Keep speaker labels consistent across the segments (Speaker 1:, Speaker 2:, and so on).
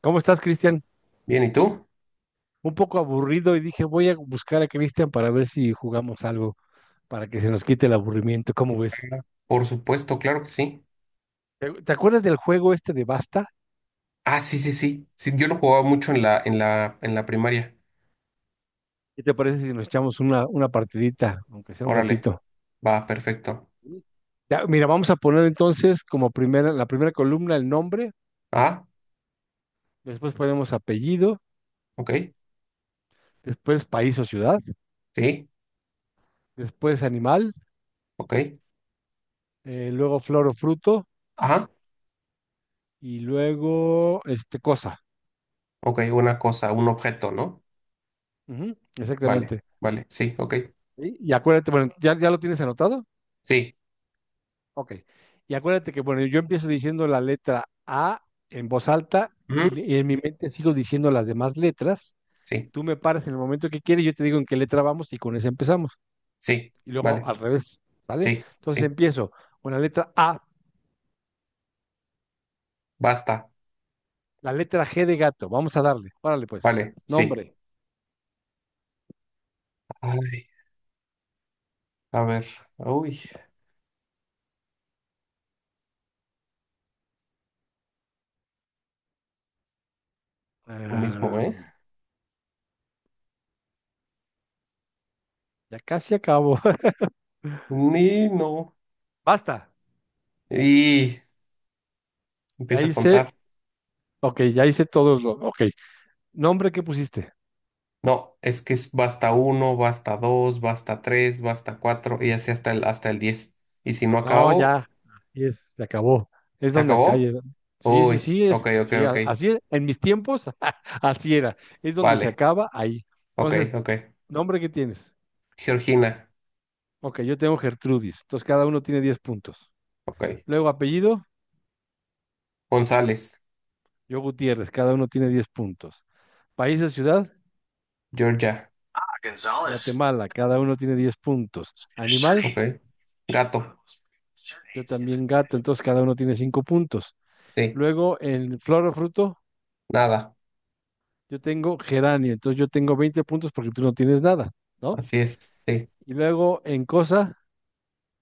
Speaker 1: ¿Cómo estás, Cristian?
Speaker 2: Bien, ¿y tú?
Speaker 1: Un poco aburrido y dije, voy a buscar a Cristian para ver si jugamos algo, para que se nos quite el aburrimiento. ¿Cómo ves?
Speaker 2: Por supuesto, claro que sí.
Speaker 1: ¿Te acuerdas del juego este de Basta?
Speaker 2: Ah, sí, sí, sí. Sí, yo lo jugaba mucho en la primaria.
Speaker 1: ¿Qué te parece si nos echamos una partidita, aunque sea un
Speaker 2: Órale,
Speaker 1: ratito?
Speaker 2: va, perfecto.
Speaker 1: Sí. Ya, mira, vamos a poner entonces como primera, la primera columna el nombre,
Speaker 2: Ah,
Speaker 1: después ponemos apellido,
Speaker 2: ok,
Speaker 1: después país o ciudad,
Speaker 2: sí,
Speaker 1: después animal,
Speaker 2: ok.
Speaker 1: luego flor o fruto
Speaker 2: Ajá,
Speaker 1: y luego este cosa.
Speaker 2: ok, una cosa, un objeto, ¿no?
Speaker 1: Ujú,
Speaker 2: Vale,
Speaker 1: exactamente.
Speaker 2: vale, sí, ok,
Speaker 1: Y acuérdate, bueno, ¿ya lo tienes anotado?
Speaker 2: sí,
Speaker 1: Ok. Y acuérdate que, bueno, yo empiezo diciendo la letra A en voz alta y,
Speaker 2: ujú,
Speaker 1: y en mi mente sigo diciendo las demás letras.
Speaker 2: sí,
Speaker 1: Tú me paras en el momento que quieres, yo te digo en qué letra vamos y con esa empezamos.
Speaker 2: sí,
Speaker 1: Y luego
Speaker 2: vale,
Speaker 1: al revés, ¿vale?
Speaker 2: sí,
Speaker 1: Entonces
Speaker 2: sí,
Speaker 1: empiezo con la letra A,
Speaker 2: basta,
Speaker 1: la letra G de gato. Vamos a darle. Órale, pues.
Speaker 2: vale, sí.
Speaker 1: Nombre.
Speaker 2: Ay, a ver, uy, lo mismo,
Speaker 1: Ah,
Speaker 2: ¿eh?
Speaker 1: ya casi acabo.
Speaker 2: Ni no.
Speaker 1: Basta.
Speaker 2: Y
Speaker 1: Ya
Speaker 2: empieza a
Speaker 1: hice,
Speaker 2: contar.
Speaker 1: ok, ya hice todos los, ok. Nombre que pusiste.
Speaker 2: No, es que va hasta uno, va hasta dos, va hasta tres, va hasta cuatro y así hasta el diez. Y si no
Speaker 1: No,
Speaker 2: acabó,
Speaker 1: ya, así es, se acabó. Es
Speaker 2: ¿se
Speaker 1: donde acá.
Speaker 2: acabó?
Speaker 1: Sí, sí,
Speaker 2: Uy,
Speaker 1: sí,
Speaker 2: ok, ok,
Speaker 1: sí,
Speaker 2: ok.
Speaker 1: así es. En mis tiempos, así era. Es donde se
Speaker 2: Vale,
Speaker 1: acaba ahí.
Speaker 2: ok,
Speaker 1: Entonces,
Speaker 2: ok.
Speaker 1: nombre que tienes.
Speaker 2: Georgina,
Speaker 1: Ok, yo tengo Gertrudis. Entonces, cada uno tiene 10 puntos.
Speaker 2: ok.
Speaker 1: Luego, apellido,
Speaker 2: González,
Speaker 1: yo Gutiérrez. Cada uno tiene 10 puntos. País o ciudad,
Speaker 2: Georgia,
Speaker 1: Guatemala. Cada uno tiene 10 puntos. Animal,
Speaker 2: ok. Gato,
Speaker 1: yo también gato. Entonces, cada uno tiene 5 puntos.
Speaker 2: sí,
Speaker 1: Luego, en flor o fruto,
Speaker 2: nada,
Speaker 1: yo tengo geranio. Entonces, yo tengo 20 puntos porque tú no tienes nada, ¿no?
Speaker 2: así es, sí,
Speaker 1: Y luego en cosa,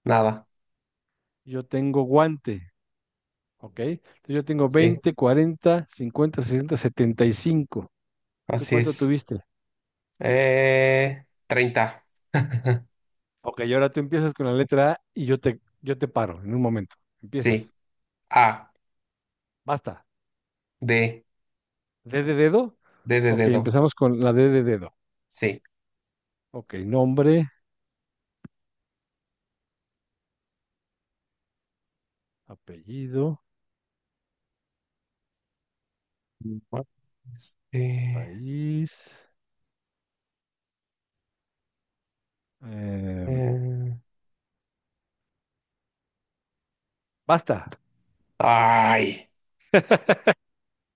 Speaker 2: nada,
Speaker 1: yo tengo guante, ¿ok? Entonces yo tengo
Speaker 2: sí,
Speaker 1: veinte, cuarenta, cincuenta, sesenta, setenta y cinco. ¿Tú
Speaker 2: así
Speaker 1: cuánto
Speaker 2: es.
Speaker 1: tuviste?
Speaker 2: Treinta.
Speaker 1: Ok, y ahora tú empiezas con la letra A y yo te paro en un momento.
Speaker 2: Sí.
Speaker 1: Empiezas.
Speaker 2: A,
Speaker 1: Basta.
Speaker 2: D,
Speaker 1: ¿D de dedo?
Speaker 2: D de
Speaker 1: Ok,
Speaker 2: dedo,
Speaker 1: empezamos con la D de dedo.
Speaker 2: sí.
Speaker 1: Ok, nombre, apellido,
Speaker 2: Bueno. Este,
Speaker 1: país. em,
Speaker 2: eh,
Speaker 1: basta.
Speaker 2: ay,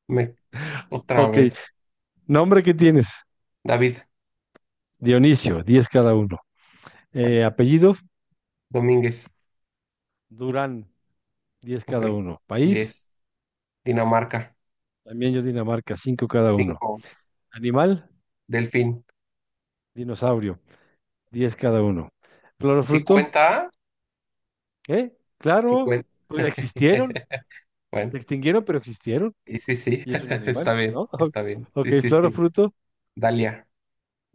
Speaker 2: me, otra
Speaker 1: Ok,
Speaker 2: vez.
Speaker 1: nombre que tienes.
Speaker 2: David,
Speaker 1: Dionisio, 10 cada uno.
Speaker 2: vale.
Speaker 1: Apellido,
Speaker 2: Domínguez,
Speaker 1: Durán. Diez
Speaker 2: ok.
Speaker 1: cada uno. País,
Speaker 2: 10. Dinamarca,
Speaker 1: también yo Dinamarca, 5 cada uno.
Speaker 2: cinco.
Speaker 1: Animal,
Speaker 2: Delfín,
Speaker 1: dinosaurio, 10 cada uno. Flor o
Speaker 2: ¿sí
Speaker 1: fruto,
Speaker 2: cuenta?
Speaker 1: ¿eh?
Speaker 2: Sí
Speaker 1: Claro,
Speaker 2: cuenta.
Speaker 1: pues existieron, se
Speaker 2: Bueno,
Speaker 1: extinguieron, pero existieron.
Speaker 2: y sí, sí,
Speaker 1: Y es un
Speaker 2: está
Speaker 1: animal,
Speaker 2: bien,
Speaker 1: ¿no?
Speaker 2: está bien.
Speaker 1: Ok,
Speaker 2: Sí, sí,
Speaker 1: flor o
Speaker 2: sí.
Speaker 1: fruto.
Speaker 2: Dalia,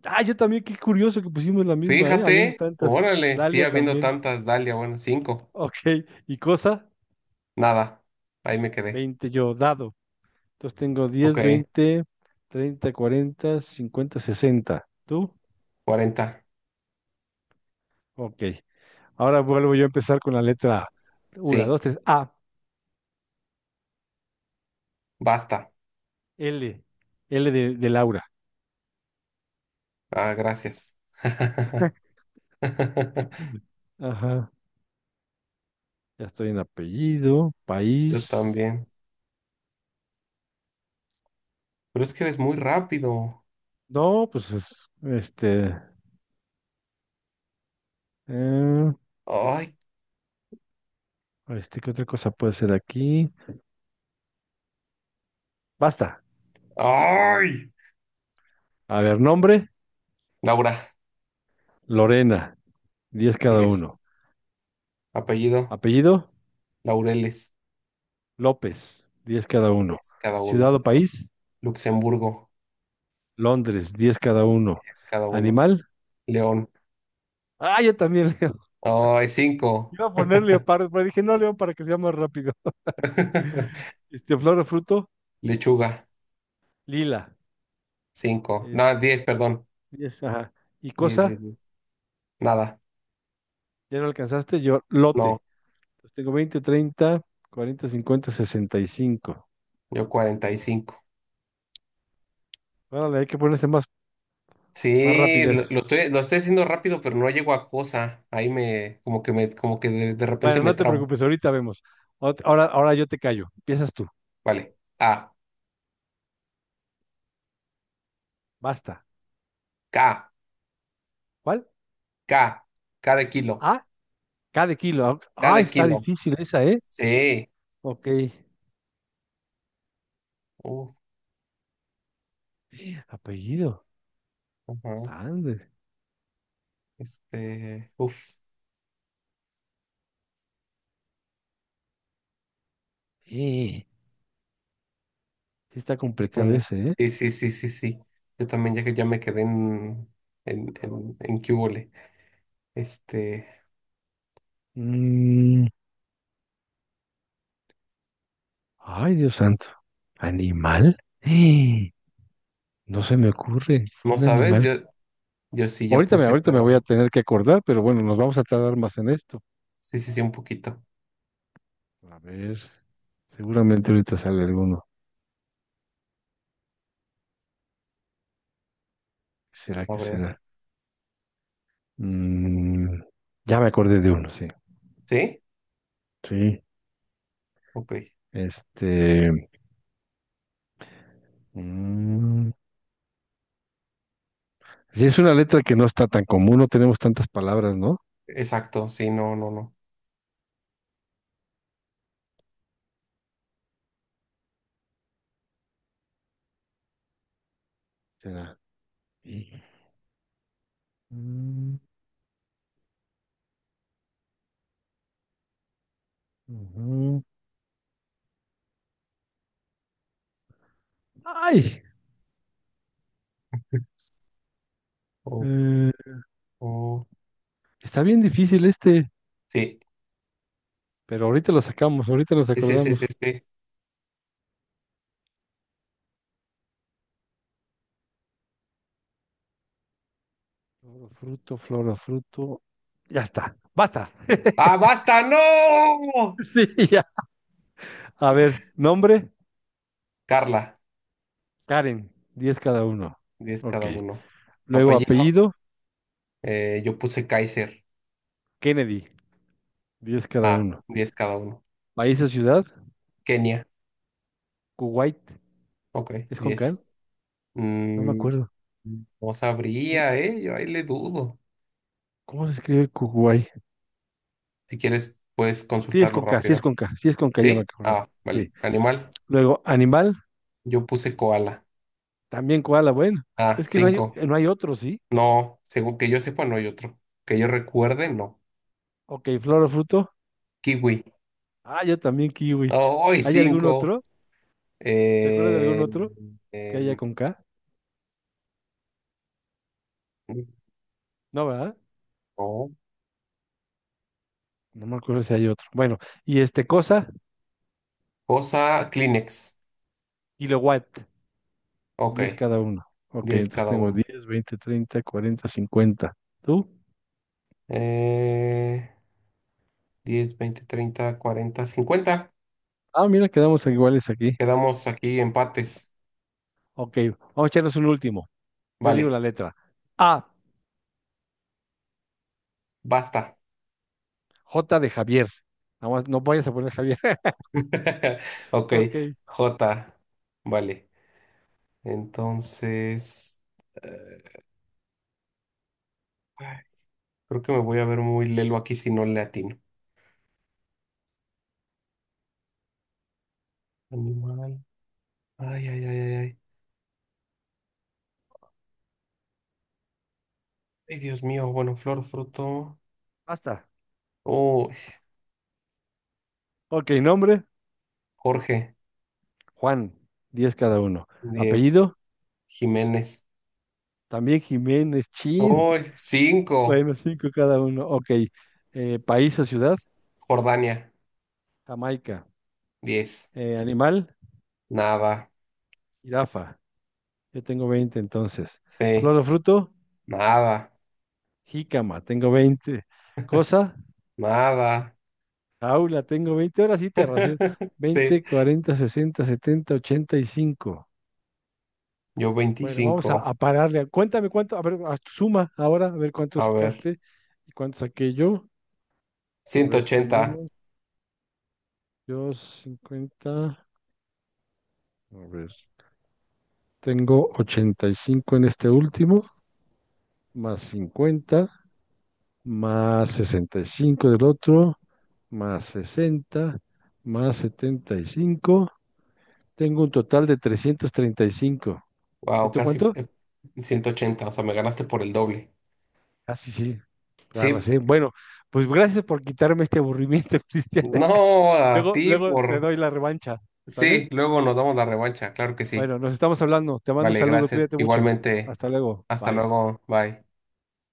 Speaker 1: Ah, yo también, qué curioso que pusimos la misma, ¿eh? Habiendo
Speaker 2: fíjate,
Speaker 1: tantas.
Speaker 2: órale, sí,
Speaker 1: Dalia
Speaker 2: habiendo
Speaker 1: también.
Speaker 2: tantas, Dalia, bueno, cinco.
Speaker 1: Ok, y cosa,
Speaker 2: Nada, ahí me quedé.
Speaker 1: 20 yo, dado. Entonces tengo
Speaker 2: Ok,
Speaker 1: diez, veinte, treinta, cuarenta, cincuenta, sesenta. ¿Tú?
Speaker 2: cuarenta,
Speaker 1: Ok. Ahora vuelvo yo a empezar con la letra A. Una,
Speaker 2: sí,
Speaker 1: dos, tres, A,
Speaker 2: basta.
Speaker 1: L, L de Laura.
Speaker 2: Ah, gracias.
Speaker 1: Ajá, ya estoy en apellido,
Speaker 2: Yo
Speaker 1: país.
Speaker 2: también. Pero es que eres muy rápido.
Speaker 1: No, pues es, este, eh,
Speaker 2: Ay,
Speaker 1: este, ¿qué otra cosa puede ser aquí? Basta.
Speaker 2: ay.
Speaker 1: A ver, nombre,
Speaker 2: Laura,
Speaker 1: Lorena, 10 cada
Speaker 2: diez.
Speaker 1: uno.
Speaker 2: Apellido,
Speaker 1: Apellido,
Speaker 2: Laureles,
Speaker 1: López, 10 cada uno.
Speaker 2: 10 cada
Speaker 1: Ciudad
Speaker 2: uno.
Speaker 1: o país,
Speaker 2: Luxemburgo,
Speaker 1: Londres, diez cada uno.
Speaker 2: 10 cada uno.
Speaker 1: Animal,
Speaker 2: León,
Speaker 1: ah, yo también, Leo.
Speaker 2: ay, cinco.
Speaker 1: Iba a poner leopardo, pero dije, no, león, para que sea más rápido. Este, flor o fruto,
Speaker 2: Lechuga,
Speaker 1: lila.
Speaker 2: cinco.
Speaker 1: Es-
Speaker 2: No, diez, perdón.
Speaker 1: es, ajá. Y
Speaker 2: Diez, diez,
Speaker 1: cosa,
Speaker 2: 10. Nada.
Speaker 1: ya no alcanzaste, yo, lote.
Speaker 2: No,
Speaker 1: Entonces tengo veinte, treinta, cuarenta, cincuenta, sesenta y cinco.
Speaker 2: yo cuarenta y cinco.
Speaker 1: Órale, hay que ponerse más, más
Speaker 2: Sí,
Speaker 1: rapidez.
Speaker 2: lo estoy haciendo rápido, pero no llego a cosa. Ahí me, como que de repente
Speaker 1: Bueno,
Speaker 2: me
Speaker 1: no te
Speaker 2: trabo.
Speaker 1: preocupes, ahorita vemos. Ahora, ahora yo te callo. Empiezas tú.
Speaker 2: Vale. A,
Speaker 1: Basta.
Speaker 2: K.
Speaker 1: ¿Cuál?
Speaker 2: K, K de kilo,
Speaker 1: Ah, cada kilo.
Speaker 2: K
Speaker 1: Ah,
Speaker 2: de
Speaker 1: está
Speaker 2: kilo.
Speaker 1: difícil esa, ¿eh?
Speaker 2: Sí.
Speaker 1: Ok.
Speaker 2: Uf,
Speaker 1: Apellido.
Speaker 2: ajá.
Speaker 1: Sanders.
Speaker 2: Uf,
Speaker 1: Eh, sí está complicado
Speaker 2: híjole.
Speaker 1: ese, ¿eh?
Speaker 2: Sí, sí, sí, sí, sí. Yo también, ya que ya me quedé en qué hubole. Este,
Speaker 1: Mm, ay, Dios santo. ¿Animal? No se me ocurre
Speaker 2: no
Speaker 1: un
Speaker 2: sabes.
Speaker 1: animal.
Speaker 2: Yo sí ya puse,
Speaker 1: Ahorita me voy a
Speaker 2: pero
Speaker 1: tener que acordar, pero bueno, nos vamos a tardar más en esto.
Speaker 2: sí, sí, sí, un poquito.
Speaker 1: A ver, seguramente ahorita sale alguno. ¿Será
Speaker 2: A
Speaker 1: que
Speaker 2: ver.
Speaker 1: será? Mm, ya me acordé de uno, sí.
Speaker 2: ¿Sí?
Speaker 1: Sí.
Speaker 2: Ok.
Speaker 1: Este. mm, sí, es una letra que no está tan común, no tenemos tantas palabras, ¿no?
Speaker 2: Exacto, sí, no, no, no.
Speaker 1: ¿Será? Sí. Mm, ujú. ¡Ay!
Speaker 2: Oh,
Speaker 1: Eh,
Speaker 2: oh.
Speaker 1: está bien difícil este,
Speaker 2: Sí,
Speaker 1: pero ahorita lo sacamos, ahorita nos
Speaker 2: sí, sí, sí,
Speaker 1: acordamos.
Speaker 2: sí. Sí.
Speaker 1: Floro, fruto, floro, fruto. Ya está, basta.
Speaker 2: ¡Ah, basta! ¡No!
Speaker 1: Sí, ya. A ver, nombre,
Speaker 2: Carla,
Speaker 1: Karen, 10 cada uno.
Speaker 2: diez
Speaker 1: Ok.
Speaker 2: cada uno.
Speaker 1: Luego
Speaker 2: Apellido.
Speaker 1: apellido,
Speaker 2: Yo puse Kaiser.
Speaker 1: Kennedy, diez cada
Speaker 2: Ah,
Speaker 1: uno.
Speaker 2: 10 cada uno.
Speaker 1: País o ciudad,
Speaker 2: Kenia.
Speaker 1: Kuwait.
Speaker 2: Ok,
Speaker 1: ¿Es con K?
Speaker 2: diez.
Speaker 1: No me
Speaker 2: Mm,
Speaker 1: acuerdo.
Speaker 2: no
Speaker 1: Sí.
Speaker 2: sabría, ¿eh? Yo ahí le dudo.
Speaker 1: ¿Cómo se escribe Kuwait?
Speaker 2: Si quieres, puedes
Speaker 1: Sí, es
Speaker 2: consultarlo
Speaker 1: con K, sí es
Speaker 2: rápido.
Speaker 1: con K, sí es con K, ya me
Speaker 2: ¿Sí?
Speaker 1: acordé.
Speaker 2: Ah, vale.
Speaker 1: Sí.
Speaker 2: Animal.
Speaker 1: Luego, animal,
Speaker 2: Yo puse koala.
Speaker 1: también koala, bueno.
Speaker 2: Ah,
Speaker 1: Es que no hay,
Speaker 2: cinco.
Speaker 1: no hay otro, ¿sí?
Speaker 2: No, según que yo sepa, no hay otro. Que yo recuerde, no.
Speaker 1: Ok, flor o fruto.
Speaker 2: Kiwi.
Speaker 1: Ah, yo también kiwi.
Speaker 2: Oh, hoy
Speaker 1: ¿Hay algún
Speaker 2: 5.
Speaker 1: otro? ¿Te acuerdas de algún
Speaker 2: Eh,
Speaker 1: otro? Que
Speaker 2: eh,
Speaker 1: haya con K. No, ¿verdad?
Speaker 2: no.
Speaker 1: No me acuerdo si hay otro. Bueno, y este cosa,
Speaker 2: Cosa, Kleenex.
Speaker 1: kilowatt, 10
Speaker 2: Ok,
Speaker 1: cada uno. Ok,
Speaker 2: 10
Speaker 1: entonces
Speaker 2: cada
Speaker 1: tengo
Speaker 2: uno.
Speaker 1: diez, veinte, treinta, cuarenta, cincuenta. ¿Tú?
Speaker 2: Eh, Diez, veinte, treinta, cuarenta, cincuenta.
Speaker 1: Ah, mira, quedamos iguales aquí.
Speaker 2: Quedamos aquí empates.
Speaker 1: Ok, vamos a echarnos un último. Yo digo
Speaker 2: Vale,
Speaker 1: la letra. A,
Speaker 2: basta.
Speaker 1: J de Javier. Nada más, no vayas a poner Javier.
Speaker 2: Ok,
Speaker 1: Ok,
Speaker 2: J. Vale. Entonces, eh, ay, creo que me voy a ver muy lelo aquí si no le atino. Animal. Ay, ay, ay, ay, ay. Ay, Dios mío. Bueno, flor, fruto.
Speaker 1: basta.
Speaker 2: Oh,
Speaker 1: Ok, nombre,
Speaker 2: Jorge.
Speaker 1: Juan, 10 cada uno.
Speaker 2: Diez.
Speaker 1: Apellido,
Speaker 2: Jiménez.
Speaker 1: también Jiménez Chin.
Speaker 2: Oh, cinco.
Speaker 1: Bueno, 5 cada uno. Ok, país o ciudad,
Speaker 2: Jordania.
Speaker 1: Jamaica.
Speaker 2: Diez.
Speaker 1: Animal,
Speaker 2: Nada.
Speaker 1: jirafa. Yo tengo 20, entonces.
Speaker 2: Sí.
Speaker 1: Flor o fruto,
Speaker 2: Nada.
Speaker 1: jícama. Tengo 20. Cosa,
Speaker 2: Nada.
Speaker 1: jaula. Tengo 20. Ahora sí te arrasé.
Speaker 2: Sí,
Speaker 1: Veinte, cuarenta, sesenta, setenta, ochenta y cinco.
Speaker 2: yo
Speaker 1: Bueno, vamos
Speaker 2: 25.
Speaker 1: a pararle. Cuéntame cuánto. A ver, suma ahora, a ver cuánto
Speaker 2: A ver,
Speaker 1: sacaste y cuánto saqué yo. A
Speaker 2: ciento
Speaker 1: ver,
Speaker 2: ochenta.
Speaker 1: tenemos yo 50. A ver, tengo 85 en este último, más 50, más 65 del otro, más sesenta, más setenta y cinco. Tengo un total de trescientos treinta. ¿Y cinco y
Speaker 2: Wow,
Speaker 1: tú
Speaker 2: casi,
Speaker 1: cuánto?
Speaker 2: ciento ochenta. O sea, me ganaste por el doble.
Speaker 1: Ah, sí, sí, la
Speaker 2: Sí.
Speaker 1: arrasé. Bueno, pues gracias por quitarme este aburrimiento, Cristian.
Speaker 2: No, a
Speaker 1: Luego,
Speaker 2: ti
Speaker 1: luego te
Speaker 2: por...
Speaker 1: doy la revancha, ¿sale?
Speaker 2: Sí, luego nos damos la revancha, claro que sí.
Speaker 1: Bueno, nos estamos hablando. Te mando un
Speaker 2: Vale,
Speaker 1: saludo,
Speaker 2: gracias.
Speaker 1: cuídate mucho.
Speaker 2: Igualmente,
Speaker 1: Hasta luego.
Speaker 2: hasta
Speaker 1: Bye.
Speaker 2: luego, bye.